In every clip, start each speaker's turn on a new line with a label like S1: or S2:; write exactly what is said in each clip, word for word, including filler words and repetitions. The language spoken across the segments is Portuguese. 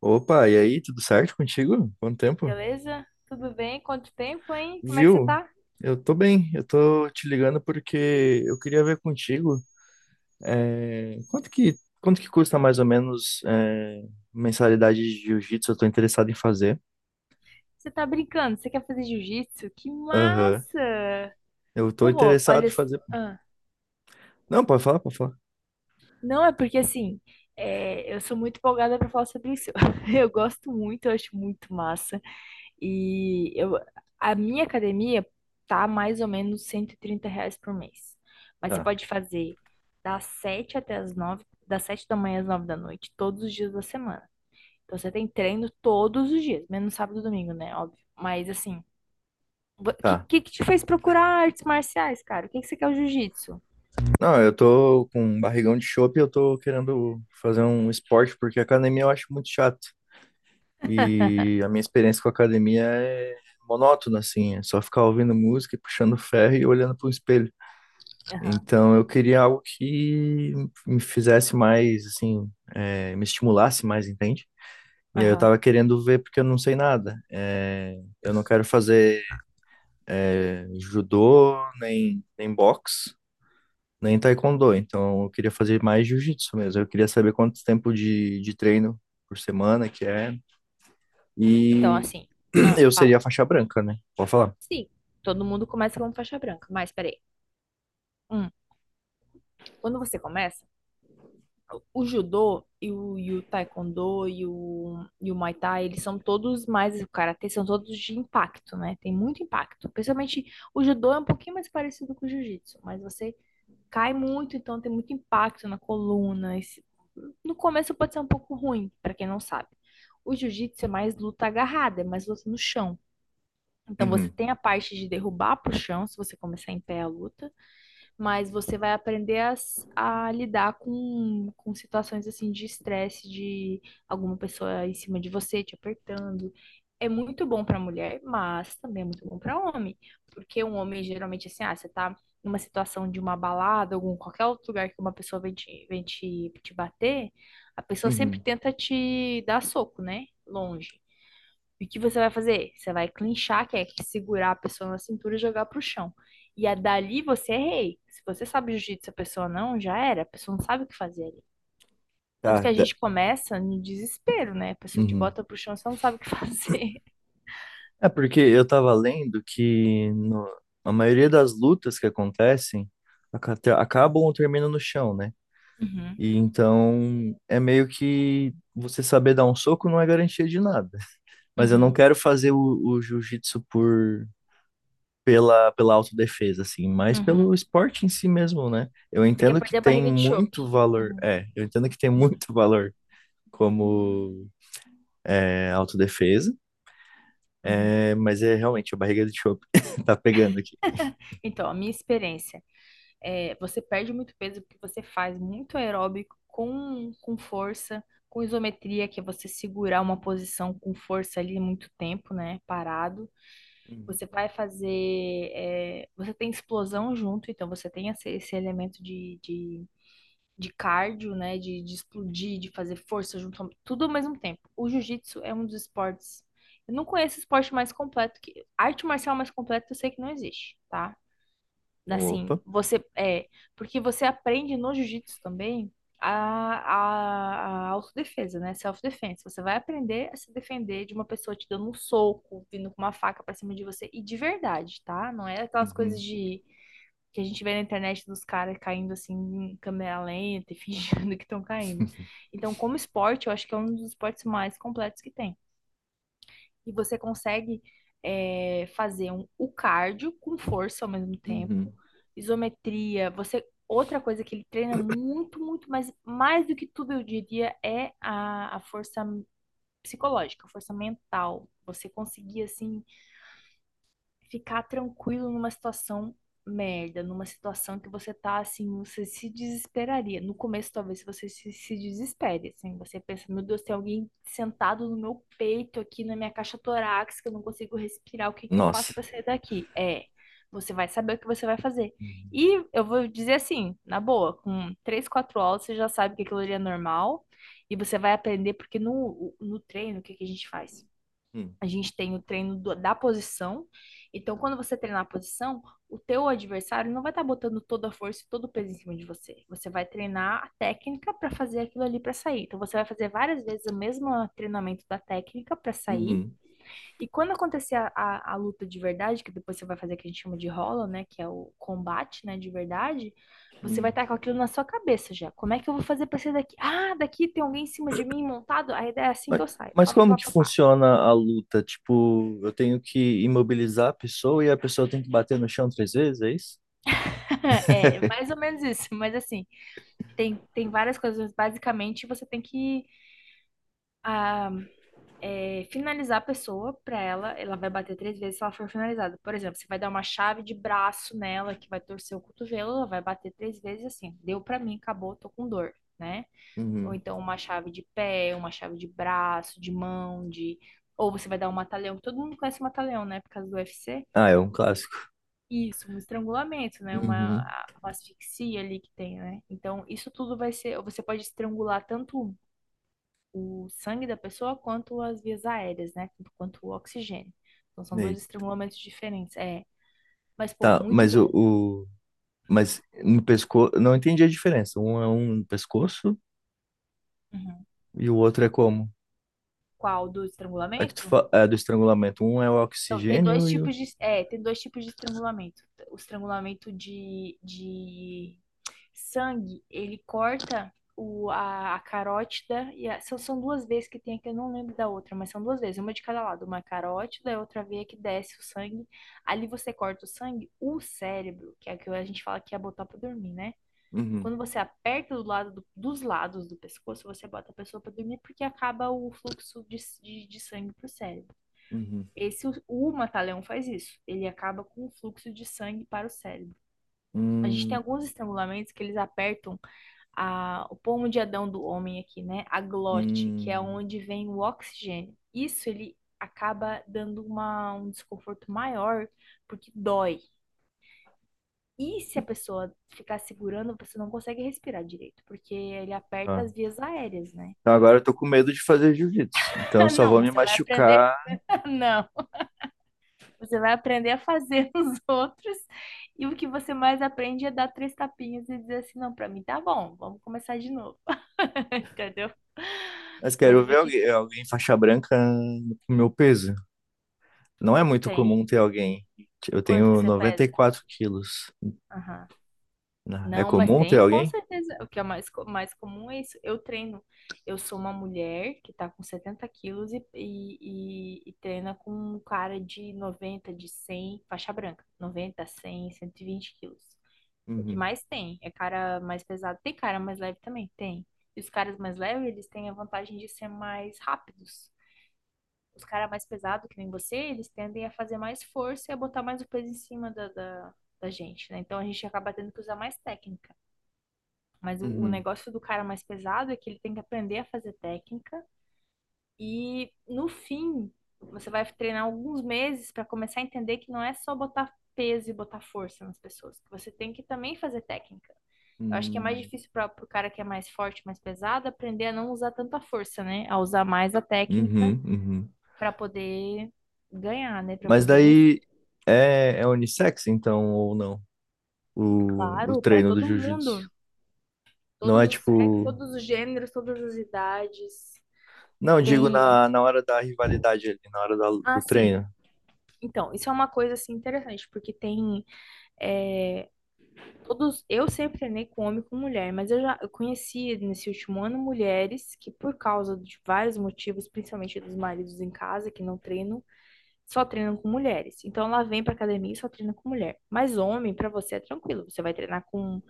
S1: Opa, e aí, tudo certo contigo? Quanto tempo?
S2: Beleza? Tudo bem? Quanto tempo, hein? Como é que você
S1: Viu?
S2: tá?
S1: Eu tô bem, eu tô te ligando porque eu queria ver contigo, é, quanto que, quanto que custa mais ou menos, é, mensalidade de jiu-jitsu? Eu tô interessado em fazer.
S2: Você tá brincando? Você quer fazer jiu-jitsu? Que
S1: Aham.
S2: massa!
S1: Eu tô
S2: Pô, olha.
S1: interessado em
S2: s-
S1: fazer.
S2: ah,
S1: Não, pode falar, pode falar.
S2: Não, é porque assim, é, eu sou muito empolgada pra falar sobre isso. Eu gosto muito, eu acho muito massa. E eu, a minha academia tá mais ou menos cento e trinta reais por mês. Mas você
S1: Tá,
S2: pode fazer das sete até as nove das sete da manhã às nove da noite, todos os dias da semana. Então você tem treino todos os dias, menos sábado e domingo, né? Óbvio. Mas assim, o que,
S1: tá.
S2: que que te fez procurar artes marciais, cara? O que que você quer o jiu-jitsu?
S1: Não, eu tô com um barrigão de chope e eu tô querendo fazer um esporte porque academia eu acho muito chato. E a minha experiência com a academia é monótona, assim, é só ficar ouvindo música e puxando ferro e olhando para o espelho. Então eu queria algo que me fizesse mais, assim, é, me estimulasse mais, entende? E aí eu
S2: Aham.
S1: tava querendo ver porque eu não sei nada. É, eu não quero fazer judô, nem, nem boxe, nem taekwondo. Então eu queria fazer mais jiu-jitsu mesmo. Eu queria saber quanto tempo de, de treino por semana que é.
S2: Então,
S1: E
S2: assim, ah,
S1: eu seria
S2: fala.
S1: a faixa branca, né? Pode falar.
S2: Sim, todo mundo começa como faixa branca, mas peraí. Hum, quando você começa, o judô e o, e o taekwondo e o, e o muay thai, eles são todos mais, o karatê são todos de impacto, né? Tem muito impacto. Principalmente o judô é um pouquinho mais parecido com o jiu-jitsu, mas você cai muito, então tem muito impacto na coluna. Esse- No começo pode ser um pouco ruim, para quem não sabe. O jiu-jitsu é mais luta agarrada, é mais luta no chão. Então você
S1: Uhum,
S2: tem a parte de derrubar pro chão, se você começar em pé a luta, mas você vai aprender a, s- a lidar com, com situações assim de estresse, de alguma pessoa em cima de você te apertando. É muito bom para mulher, mas também é muito bom para homem, porque um homem geralmente assim, ah, você tá numa situação de uma balada, algum qualquer outro lugar que uma pessoa vem te, vem te, te bater, a pessoa sempre
S1: uhum.
S2: tenta te dar soco, né? Longe. E o que você vai fazer? Você vai clinchar, que é segurar a pessoa na cintura e jogar pro chão. E a dali você é rei. Se você sabe jiu-jitsu, a pessoa não, já era. A pessoa não sabe o que fazer ali. Tanto
S1: Tá,
S2: que a
S1: da-
S2: gente começa no desespero, né? A pessoa te
S1: Uhum.
S2: bota pro chão, você não sabe o que fazer.
S1: É porque eu tava lendo que no- a maioria das lutas que acontecem aca- te- acabam ou terminam no chão, né?
S2: Uhum,
S1: E então é meio que você saber dar um soco não é garantia de nada. Mas eu não
S2: uhum,
S1: quero fazer o, o jiu-jitsu por pela pela autodefesa assim, mas
S2: uhum.
S1: pelo esporte em si mesmo, né? Eu
S2: Você quer
S1: entendo que
S2: perder a
S1: tem
S2: barriga de
S1: muito
S2: chope.
S1: valor,
S2: Uhum,
S1: é, eu entendo que tem
S2: uhum,
S1: muito valor como é, autodefesa.
S2: uhum.
S1: É, mas é realmente a barriga de chope tá pegando aqui.
S2: Então, a minha experiência. É, você perde muito peso porque você faz muito aeróbico com, com força, com isometria, que é você segurar uma posição com força ali muito tempo, né? Parado.
S1: Uhum.
S2: Você vai fazer. é, você tem explosão junto, então você tem esse, esse elemento de, de, de cardio, né? De, de explodir, de fazer força junto, tudo ao mesmo tempo. O jiu-jitsu é um dos esportes. Eu não conheço esporte mais completo que. Arte marcial mais completa eu sei que não existe, tá? Assim,
S1: Opa.
S2: você é, porque você aprende no jiu-jitsu também a, a, a autodefesa, né? Self-defense. Você vai aprender a se defender de uma pessoa te dando um soco, vindo com uma faca pra cima de você, e de verdade, tá? Não é aquelas coisas
S1: Uhum.
S2: de que a gente vê na internet dos caras caindo assim em câmera lenta e fingindo que estão caindo. Então, como esporte, eu acho que é um dos esportes mais completos que tem. E você consegue é, fazer um, o cardio com força ao mesmo
S1: Uhum.
S2: tempo, isometria, você. Outra coisa que ele treina muito, muito, mas mais do que tudo, eu diria, é a, a força psicológica, a força mental. Você conseguir, assim, ficar tranquilo numa situação merda, numa situação que você tá assim, você se desesperaria. No começo, talvez você se, se desespere, assim, você pensa, meu Deus, tem alguém sentado no meu peito aqui na minha caixa torácica, eu não consigo respirar, o que que eu faço
S1: Nossa.
S2: pra sair daqui? É, você vai saber o que você vai fazer.
S1: Uhum.
S2: E eu vou dizer assim, na boa, com três, quatro aulas você já sabe que aquilo ali é normal e você vai aprender porque no, no treino, o que que a gente faz? A gente tem o treino do- da posição. Então, quando você treinar a posição, o teu adversário não vai estar botando toda a força e todo o peso em cima de você. Você vai treinar a técnica para fazer aquilo ali para sair. Então, você vai fazer várias vezes o mesmo treinamento da técnica para sair.
S1: Uhum.
S2: E quando acontecer a, a, a luta de verdade, que depois você vai fazer o que a gente chama de rola, né? Que é o combate, né? De verdade. Você vai
S1: Uhum.
S2: estar com aquilo na sua cabeça já. Como é que eu vou fazer para sair daqui? Ah, daqui tem alguém em cima de mim montado? A ideia é assim
S1: Mas,
S2: que eu saio.
S1: mas
S2: Pá, pá,
S1: como
S2: pá,
S1: que
S2: pá, pá.
S1: funciona a luta? Tipo, eu tenho que imobilizar a pessoa e a pessoa tem que bater no chão três vezes, é isso?
S2: É, mais ou menos isso, mas assim, tem, tem várias coisas, mas basicamente você tem que ah, é, finalizar a pessoa pra ela, ela vai bater três vezes se ela for finalizada. Por exemplo, você vai dar uma chave de braço nela que vai torcer o cotovelo, ela vai bater três vezes assim, deu pra mim, acabou, tô com dor, né? Ou
S1: Uhum.
S2: então uma chave de pé, uma chave de braço, de mão, de... Ou você vai dar um mata-leão, todo mundo conhece o mata-leão, né, por causa do U F C.
S1: Ah, é um clássico.
S2: Isso, um estrangulamento, né? Uma,
S1: Uhum.
S2: uma asfixia ali que tem, né? Então, isso tudo vai ser. Você pode estrangular tanto o sangue da pessoa quanto as vias aéreas, né? Tanto quanto o oxigênio. Então, são
S1: Ei.
S2: dois estrangulamentos diferentes. É. Mas, pô,
S1: Tá,
S2: muito
S1: mas o,
S2: bom.
S1: o- mas no pescoço, não entendi a diferença. Um é um no pescoço
S2: Uhum.
S1: e o outro é como?
S2: Qual do
S1: É que tu
S2: estrangulamento?
S1: fa... é do estrangulamento. Um é o
S2: Então, tem dois
S1: oxigênio e o.
S2: tipos de. É, tem dois tipos de estrangulamento. O estrangulamento de, de sangue, ele corta o, a, a carótida e a- são, são duas vezes que tem aqui, eu não lembro da outra, mas são duas vezes, uma de cada lado, uma carótida e outra veia que desce o sangue. Ali você corta o sangue, o cérebro, que é o que a gente fala que é botar pra dormir, né?
S1: Uhum.
S2: Quando você aperta do lado do- dos lados do pescoço, você bota a pessoa para dormir porque acaba o fluxo de, de, de sangue para o cérebro.
S1: Uhum.
S2: Esse, o, o mata-leão faz isso. Ele acaba com o fluxo de sangue para o cérebro. A gente tem
S1: Hum,
S2: alguns estrangulamentos que eles apertam a, o pomo de Adão do homem aqui, né? A glote, que é
S1: hum.
S2: onde vem o oxigênio. Isso ele acaba dando uma, um desconforto maior, porque dói. E se a pessoa ficar segurando, você não consegue respirar direito, porque ele aperta
S1: Ah.
S2: as vias aéreas, né?
S1: Então agora eu tô com medo de fazer jiu-jitsu. Então eu só
S2: Não,
S1: vou me
S2: você vai aprender.
S1: machucar.
S2: Não, você vai aprender a fazer os outros. E o que você mais aprende é dar três tapinhas e dizer assim: não, pra mim tá bom, vamos começar de novo. Entendeu?
S1: Mas
S2: Mas
S1: quero
S2: eu
S1: ver
S2: vou te.
S1: alguém, alguém faixa branca com meu peso. Não é muito
S2: Tem.
S1: comum ter alguém. Eu
S2: Quanto que
S1: tenho
S2: você
S1: noventa e
S2: pesa?
S1: quatro quilos.
S2: Aham.
S1: né? É
S2: Não, mas
S1: comum ter
S2: tem com
S1: alguém?
S2: certeza. O que é mais, co- mais comum é isso. Eu treino. Eu sou uma mulher que tá com setenta quilos e, e, e- e treina com um cara de noventa de cem faixa branca. Noventa cem cento e vinte quilos. O que
S1: Uhum,
S2: mais tem é cara mais pesado. Tem cara mais leve também? Tem. E os caras mais leves, eles têm a vantagem de ser mais rápidos. Os caras mais pesados, que nem você, eles tendem a fazer mais força e a botar mais o peso em cima da, da, da gente, né? Então a gente acaba tendo que usar mais técnica. Mas o, o
S1: uhum,
S2: negócio do cara mais pesado é que ele tem que aprender a fazer técnica e no fim você vai treinar alguns meses para começar a entender que não é só botar peso e botar força nas pessoas, que você tem que também fazer técnica. Eu acho que é mais
S1: uhum,
S2: difícil para o cara que é mais forte, mais pesado, aprender a não usar tanta força, né? A usar mais a técnica
S1: uhum, uhum.
S2: para poder ganhar, né? Para
S1: Mas
S2: poder vencer.
S1: daí é, é unissex, então, ou não? o, o
S2: Claro, para
S1: treino do
S2: todo mundo,
S1: jiu-jitsu. Não
S2: todos
S1: é
S2: os sexos,
S1: tipo.
S2: todos os gêneros, todas as idades.
S1: Não, digo
S2: Tem.
S1: na, na hora da rivalidade ali, na hora da-
S2: Ah,
S1: do
S2: sim.
S1: treino.
S2: Então, isso é uma coisa assim interessante, porque tem é, todos. Eu sempre treinei com homem e com mulher, mas eu já eu conheci nesse último ano mulheres que, por causa de vários motivos, principalmente dos maridos em casa que não treinam, só treinam com mulheres. Então, ela vem pra academia e só treina com mulher. Mas homem, pra você é tranquilo, você vai treinar com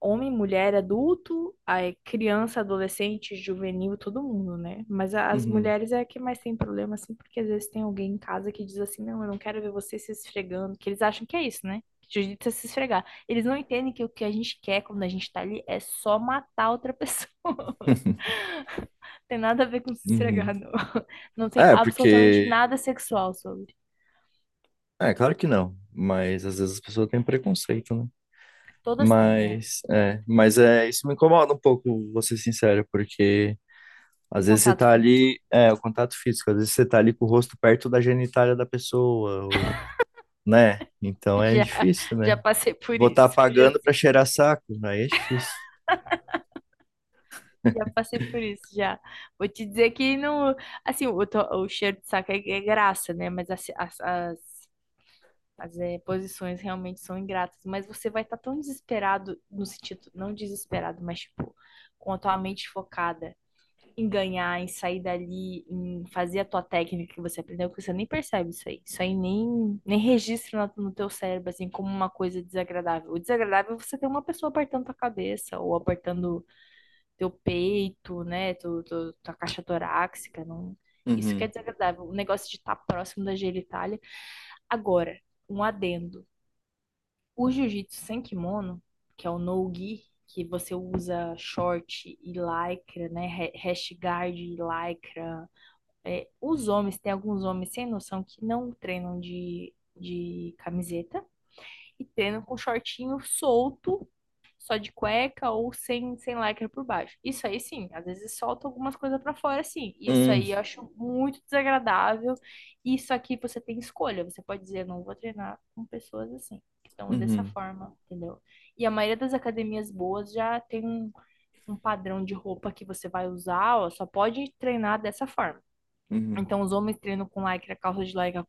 S2: homem, mulher, adulto, aí criança, adolescente, juvenil, todo mundo, né? Mas a- as
S1: Uhum,
S2: mulheres é a que mais tem problema, assim, porque às vezes tem alguém em casa que diz assim, não, eu não quero ver você se esfregando, que eles acham que é isso, né? Que jiu-jitsu é se esfregar. Eles não entendem que o que a gente quer quando a gente tá ali é só matar outra pessoa. Tem nada a ver com se
S1: uhum.
S2: esfregar, não. Não tem
S1: É,
S2: absolutamente
S1: porque.
S2: nada sexual sobre.
S1: É, claro que não. Mas às vezes as pessoas têm preconceito, né?
S2: Todas têm, é.
S1: Mas
S2: Né?
S1: é, mas é, isso me incomoda um pouco, vou ser sincero, porque
S2: O
S1: às vezes você
S2: contato
S1: tá
S2: físico.
S1: ali, é, o contato físico, às vezes você tá ali com o rosto perto da genitália da pessoa, ou- né? Então é
S2: Já,
S1: difícil,
S2: já
S1: né?
S2: passei por
S1: Vou estar
S2: isso. Já
S1: pagando pra cheirar saco, aí é difícil.
S2: Já passei por isso, já. Vou te dizer que não. Assim, o, to- o cheiro de saco é, é graça, né? Mas as, as, as, as, eh, posições realmente são ingratas. Mas você vai estar tão desesperado, no sentido, não desesperado, mas tipo, com a tua mente focada em ganhar, em sair dali, em fazer a tua técnica que você aprendeu, que você nem percebe isso aí. Isso aí nem, nem registra no, no teu cérebro, assim, como uma coisa desagradável. O desagradável é você ter uma pessoa apertando tua cabeça ou apertando teu peito, né? Tu, tu- tua caixa torácica. Não. Isso que
S1: Uhum.
S2: é desagradável. O negócio de estar próximo da genitália. Agora, um adendo. O jiu-jitsu sem kimono, que é o no-gi, que você usa short e lycra, né? ha- Rash guard e lycra. É, os homens, tem alguns homens sem noção que não treinam de, de camiseta e treinam com shortinho solto só de cueca ou sem, sem lycra por baixo. Isso aí sim, às vezes solta algumas coisas pra fora, sim. Isso
S1: Uhum.
S2: aí eu acho muito desagradável. Isso aqui você tem escolha, você pode dizer, não vou treinar com pessoas assim, que estão dessa
S1: Uhum,
S2: forma, entendeu? E a maioria das academias boas já tem um, um padrão de roupa que você vai usar, ó, só pode treinar dessa forma.
S1: uhum,
S2: Então, os homens treinam com lycra, calça de lycra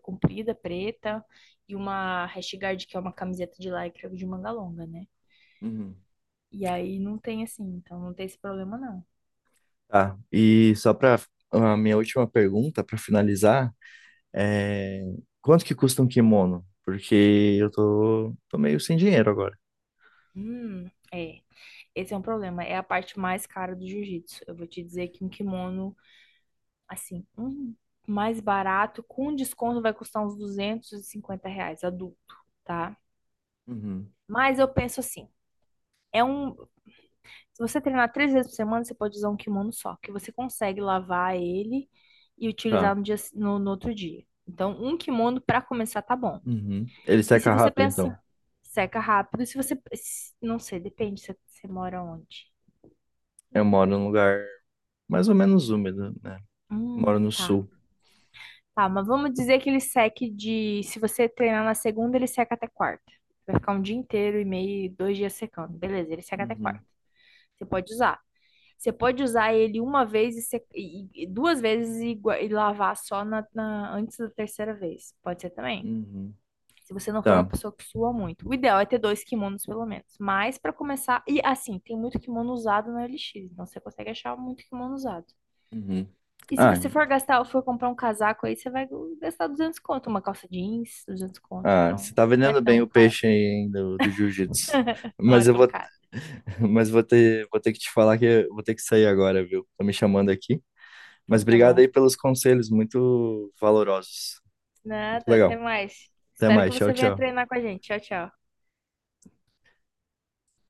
S2: comprida, preta, e uma rash guard, que é uma camiseta de lycra de manga longa, né?
S1: uhum.
S2: E aí não tem assim, então não tem esse problema, não.
S1: Tá. E só para a minha última pergunta, para finalizar, é quanto que custa um kimono? Porque eu tô, tô meio sem dinheiro agora.
S2: Hum, é. Esse é um problema. É a parte mais cara do jiu-jitsu. Eu vou te dizer que um kimono, assim, um mais barato, com desconto, vai custar uns duzentos e cinquenta reais, adulto, tá?
S1: Uhum,
S2: Mas eu penso assim, é um. Se você treinar três vezes por semana, você pode usar um kimono só, que você consegue lavar ele e
S1: tá.
S2: utilizar no dia, no, no outro dia. Então, um kimono pra começar tá bom.
S1: Uhum. Ele
S2: E se
S1: seca
S2: você
S1: rápido, então.
S2: pensa, seca rápido. E Se você. Se- Não sei, depende se você mora onde.
S1: Eu moro num lugar mais ou menos úmido, né? Moro
S2: Hum,
S1: no
S2: tá.
S1: sul.
S2: Tá, mas vamos dizer que ele seque de. Se você treinar na segunda, ele seca até quarta. Vai ficar um dia inteiro e meio, dois dias secando. Beleza, ele seca até quarta.
S1: Uhum,
S2: Você pode usar. Você pode usar ele uma vez e, se- e- e- duas vezes e, gua- e lavar só na, na- antes da terceira vez. Pode ser também.
S1: uhum.
S2: Se você não for uma
S1: Tá.
S2: pessoa que sua muito. O ideal é ter dois kimonos, pelo menos. Mas para começar. E assim, tem muito kimono usado na O L X. Então você consegue achar muito kimono usado.
S1: Uhum.
S2: E se
S1: Ah,
S2: você for gastar ou for comprar um casaco aí, você vai gastar duzentos conto. Uma calça jeans, duzentos conto.
S1: ah,
S2: Então
S1: você tá
S2: não é
S1: vendendo bem
S2: tão
S1: o
S2: caro.
S1: peixe aí, hein, do, do jiu-jitsu.
S2: Não é
S1: Mas eu
S2: tão
S1: vou,
S2: caro.
S1: mas vou ter, vou ter que te falar que eu vou ter que sair agora, viu? Tô me chamando aqui.
S2: Então
S1: Mas
S2: tá
S1: obrigado
S2: bom.
S1: aí pelos conselhos, muito valorosos. Muito
S2: Nada, até
S1: legal.
S2: mais.
S1: Até
S2: Espero que
S1: mais. Tchau,
S2: você venha
S1: tchau.
S2: treinar com a gente. Tchau, tchau.